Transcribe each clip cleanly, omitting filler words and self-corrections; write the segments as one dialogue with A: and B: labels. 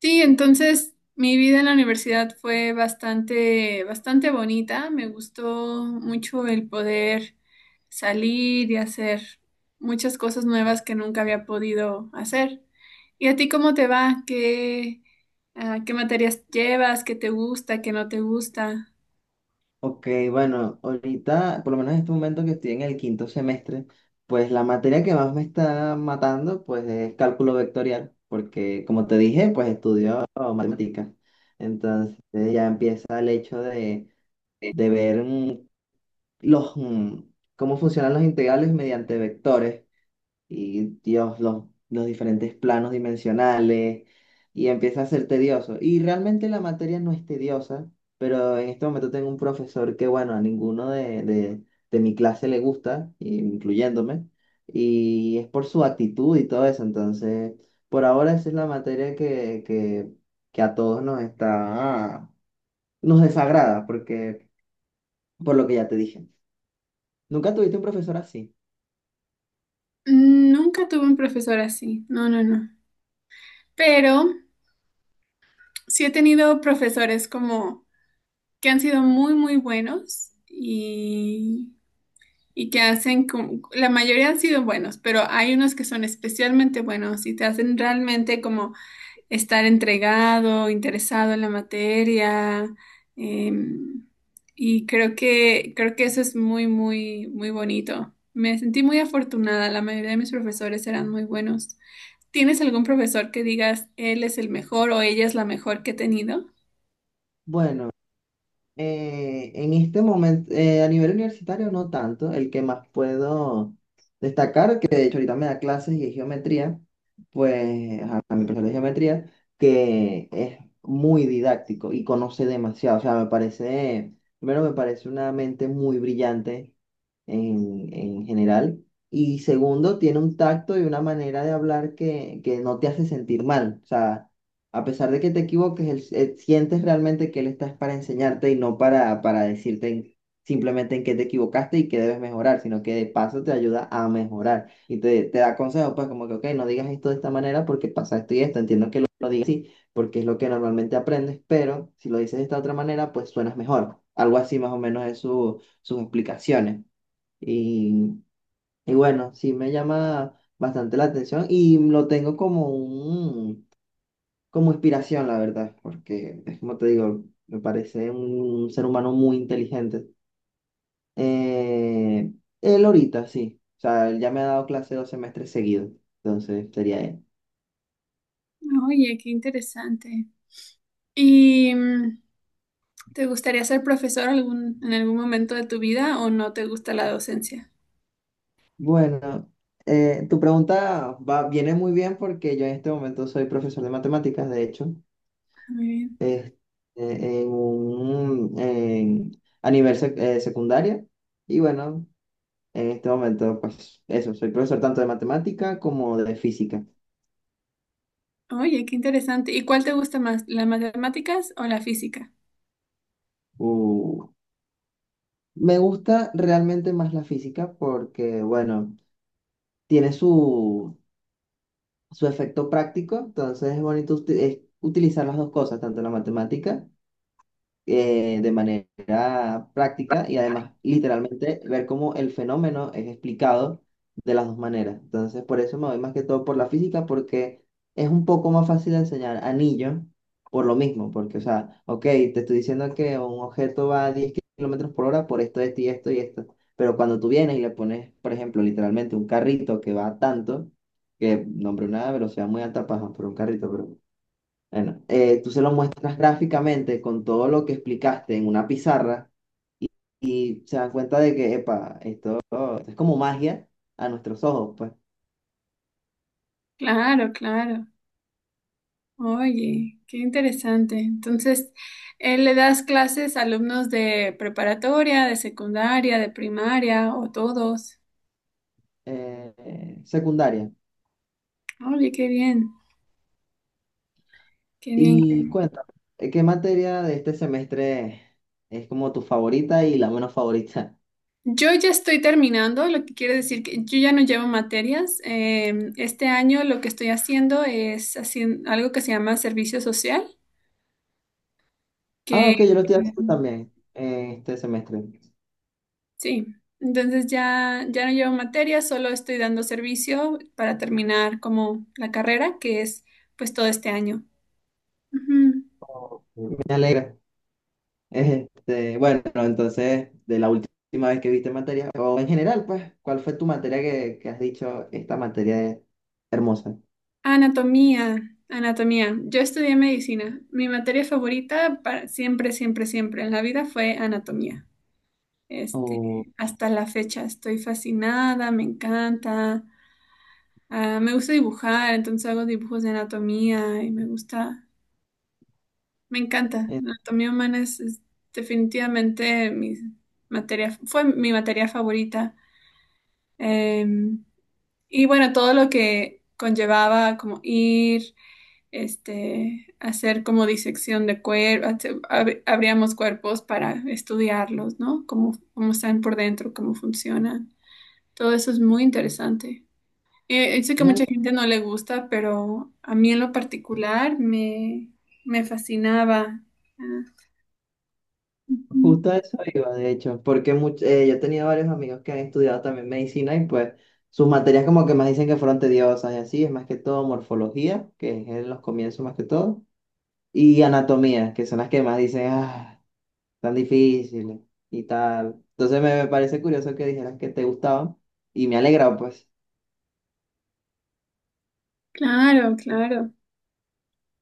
A: Sí, entonces mi vida en la universidad fue bastante, bastante bonita. Me gustó mucho el poder salir y hacer muchas cosas nuevas que nunca había podido hacer. ¿Y a ti cómo te va? ¿Qué materias llevas? ¿Qué te gusta? ¿Qué no te gusta?
B: Ok, bueno, ahorita, por lo menos en este momento que estoy en el quinto semestre, pues la materia que más me está matando, pues es cálculo vectorial, porque como te dije, pues estudio matemáticas. Entonces ya empieza el hecho de ver los, mm, cómo funcionan los integrales mediante vectores y Dios, los diferentes planos dimensionales, y empieza a ser tedioso. Y realmente la materia no es tediosa, pero en este momento tengo un profesor que, bueno, a ninguno de mi clase le gusta, incluyéndome, y es por su actitud y todo eso. Entonces, por ahora esa es la materia que a todos nos está, nos desagrada, porque, por lo que ya te dije. ¿Nunca tuviste un profesor así?
A: Nunca tuve un profesor así. No, no, no. Pero sí he tenido profesores como que han sido muy, muy buenos. Y que hacen, la mayoría han sido buenos, pero hay unos que son especialmente buenos y te hacen realmente como estar entregado, interesado en la materia. em, y creo que eso es muy, muy, muy bonito. Me sentí muy afortunada, la mayoría de mis profesores eran muy buenos. ¿Tienes algún profesor que digas él es el mejor o ella es la mejor que he tenido?
B: Bueno. En este momento, a nivel universitario no tanto, el que más puedo destacar, que de hecho ahorita me da clases y es geometría, pues a mi profesor de geometría, que es muy didáctico y conoce demasiado, o sea, me parece, primero me parece una mente muy brillante en general, y segundo, tiene un tacto y una manera de hablar que no te hace sentir mal, o sea, a pesar de que te equivoques, él, sientes realmente que él está es para enseñarte y no para simplemente en qué te equivocaste y qué debes mejorar, sino que de paso te ayuda a mejorar y te da consejos, pues como que, ok, no digas esto de esta manera porque pasa esto y esto, entiendo que lo digas así porque es lo que normalmente aprendes, pero si lo dices de esta otra manera, pues suenas mejor. Algo así más o menos es sus explicaciones. Y, y bueno, sí me llama bastante la atención y lo tengo como un como inspiración, la verdad, porque es como te digo, me parece un ser humano muy inteligente. Eh, él ahorita, sí. O sea, él ya me ha dado clase dos semestres seguidos, entonces sería él.
A: Oye, qué interesante. Y mm, ¿Te gustaría ser profesor en algún momento de tu vida o no te gusta la docencia?
B: Bueno, tu pregunta va, viene muy bien porque yo en este momento soy profesor de matemáticas, de hecho,
A: Ah, muy bien.
B: es- en a nivel secundaria. Y bueno, en este momento, pues eso, soy profesor tanto de matemática como de física.
A: Oye, qué interesante. ¿Y cuál te gusta más, las matemáticas o la física?
B: Uh, Me gusta realmente más la física porque, bueno, tiene su efecto práctico, entonces es bonito es utilizar las dos cosas, tanto la matemática de manera práctica y además literalmente ver cómo el fenómeno es explicado de las dos maneras. Entonces, por eso me voy más que todo por la física, porque es un poco más fácil de enseñar anillo por lo mismo, porque, o sea, ok, te estoy diciendo que un objeto va a 10 kilómetros por hora por esto, esto y esto y esto, pero cuando tú vienes y le pones, por ejemplo, literalmente un carrito que va a tanto, que nombre una velocidad muy alta, paja, por un carrito, pero bueno, tú se lo muestras gráficamente con todo lo que explicaste en una pizarra y, y se dan cuenta de que, epa, esto es como magia a nuestros ojos, pues,
A: Claro, claro. Oye, qué interesante. Entonces, ¿le das clases a alumnos de preparatoria, de secundaria, de primaria o todos?
B: secundaria.
A: Oye, qué bien, qué bien.
B: Y cuéntame, ¿qué materia de este semestre es como tu favorita y la menos favorita?
A: Yo ya estoy terminando, lo que quiere decir que yo ya no llevo materias. Este año lo que estoy haciendo es haciendo algo que se llama servicio social,
B: Ah,
A: que
B: ok, yo lo estoy haciendo
A: em,
B: también, este semestre.
A: sí, entonces ya, ya no llevo materias, solo estoy dando servicio para terminar como la carrera, que es pues todo este año. Ujú.
B: Me alegra. Este, bueno, entonces, de la última vez que viste materia, o en general, pues, ¿cuál fue tu materia que has dicho, esta materia es hermosa?
A: Anatomía, anatomía. Yo estudié medicina. Mi materia favorita para siempre, siempre, siempre en la vida fue anatomía. Este,
B: O,
A: hasta la fecha estoy fascinada, me encanta. Ah, me gusta dibujar, entonces hago dibujos de anatomía y me gusta, me encanta.
B: eh,
A: La anatomía humana es definitivamente mi materia, fue mi materia favorita. Eh, y bueno, todo lo que conllevaba como ir, este, hacer como disección de cuerpos, abríamos cuerpos para estudiarlos, ¿no? Cómo, cómo están por dentro, cómo funcionan. Todo eso es muy interesante. Sé que a
B: mira,
A: mucha gente no le gusta, pero a mí en lo particular me fascinaba. Ah, ujú.
B: justo a eso iba, de hecho, porque yo he tenido varios amigos que han estudiado también medicina y pues sus materias como que más dicen que fueron tediosas y así, es más que todo morfología, que es en los comienzos más que todo, y anatomía, que son las que más dicen, ah, tan difíciles y tal. Entonces me parece curioso que dijeras que te gustaban y me alegra, pues.
A: Claro, claro.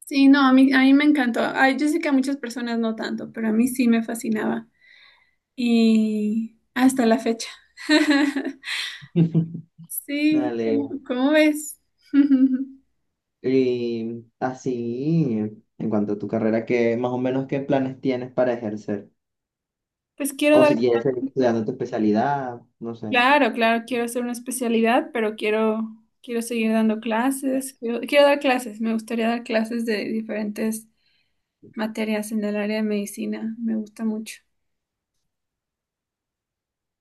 A: Sí, no, a mí me encantó. Ay, yo sé que a muchas personas no tanto, pero a mí sí me fascinaba. Y hasta la fecha.
B: Me
A: Sí, ¿cómo,
B: alegra.
A: cómo ves?
B: Y así, en cuanto a tu carrera, ¿qué más o menos qué planes tienes para ejercer?
A: Pues quiero
B: O
A: dar
B: si quieres seguir
A: clases.
B: estudiando tu especialidad, no sé.
A: Claro, claro, quiero hacer una especialidad, pero quiero, quiero seguir dando clases. Quiero, quiero dar clases, me gustaría dar clases de diferentes materias en el área de medicina, me gusta mucho.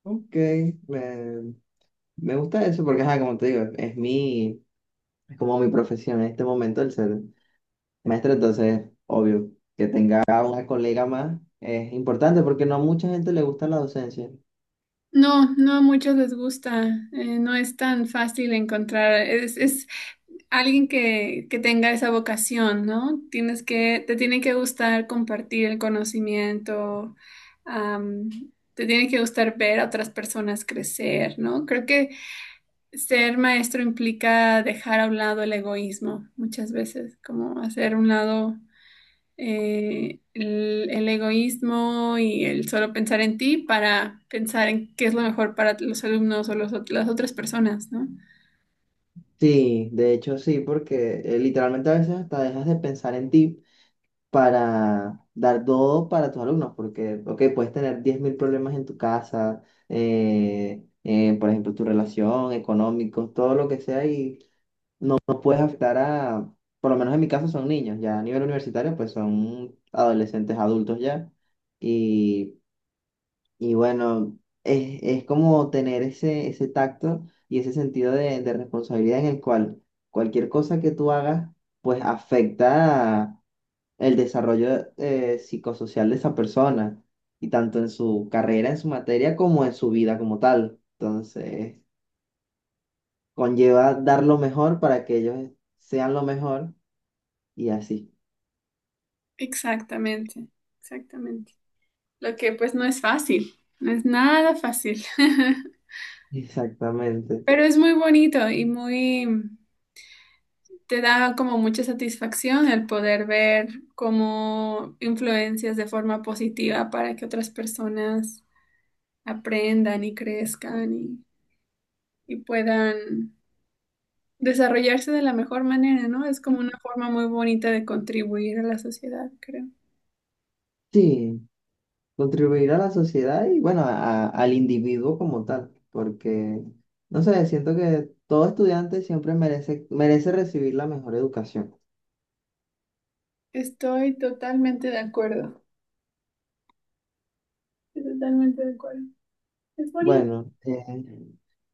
B: Ok, me, me gusta eso porque, ajá, como te digo, es mi, es como mi profesión en este momento el ser maestro, entonces, obvio, que tenga una colega más es importante porque no a mucha gente le gusta la docencia.
A: No, no a muchos les gusta, no es tan fácil encontrar, es alguien que tenga esa vocación, ¿no? Tienes que, te tiene que gustar compartir el conocimiento, am, te tiene que gustar ver a otras personas crecer, ¿no? Creo que ser maestro implica dejar a un lado el egoísmo, muchas veces, como hacer a un lado el egoísmo y el solo pensar en ti para pensar en qué es lo mejor para los alumnos o las otras personas, ¿no?
B: Sí, de hecho sí, porque literalmente a veces hasta dejas de pensar en ti para dar todo para tus alumnos, porque, ok, puedes tener 10.000 problemas en tu casa, por ejemplo, tu relación, económicos, todo lo que sea, y no puedes afectar a, por lo menos en mi caso son niños, ya a nivel universitario, pues son adolescentes, adultos ya, y bueno, es como tener ese tacto y ese sentido de responsabilidad en el cual cualquier cosa que tú hagas, pues afecta el desarrollo psicosocial de esa persona, y tanto en su carrera, en su materia, como en su vida como tal. Entonces, conlleva dar lo mejor para que ellos sean lo mejor y así.
A: Exactamente, exactamente. Lo que pues no es fácil, no es nada fácil,
B: Exactamente.
A: pero es muy bonito y muy... Te da como mucha satisfacción el poder ver cómo influencias de forma positiva para que otras personas aprendan y crezcan y puedan desarrollarse de la mejor manera, ¿no? Es como una forma muy bonita de contribuir a la sociedad, creo.
B: Sí, contribuir a la sociedad y bueno, al individuo como tal, porque, no sé, siento que todo estudiante siempre merece, merece recibir la mejor educación.
A: Estoy totalmente de acuerdo. Estoy totalmente de acuerdo. Es bonito.
B: Bueno,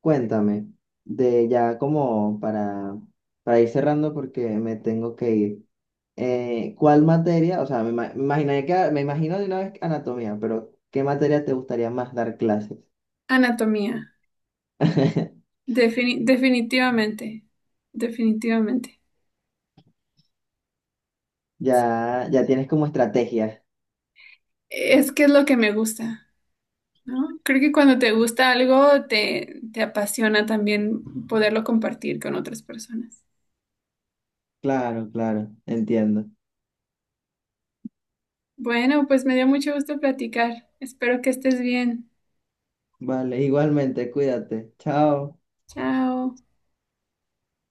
B: cuéntame, de ya como para ir cerrando porque me tengo que ir, ¿cuál materia, o sea, me imaginé que, me imagino de una vez anatomía, pero ¿qué materia te gustaría más dar clases?
A: Anatomía. Definitivamente. Definitivamente.
B: Ya, ya tienes como estrategia.
A: Es que es lo que me gusta. ¿No? Creo que cuando te gusta algo, te apasiona también poderlo compartir con otras personas.
B: Claro, claro, entiendo.
A: Bueno, pues me dio mucho gusto platicar. Espero que estés bien.
B: Vale, igualmente, cuídate. Chao.
A: Chao.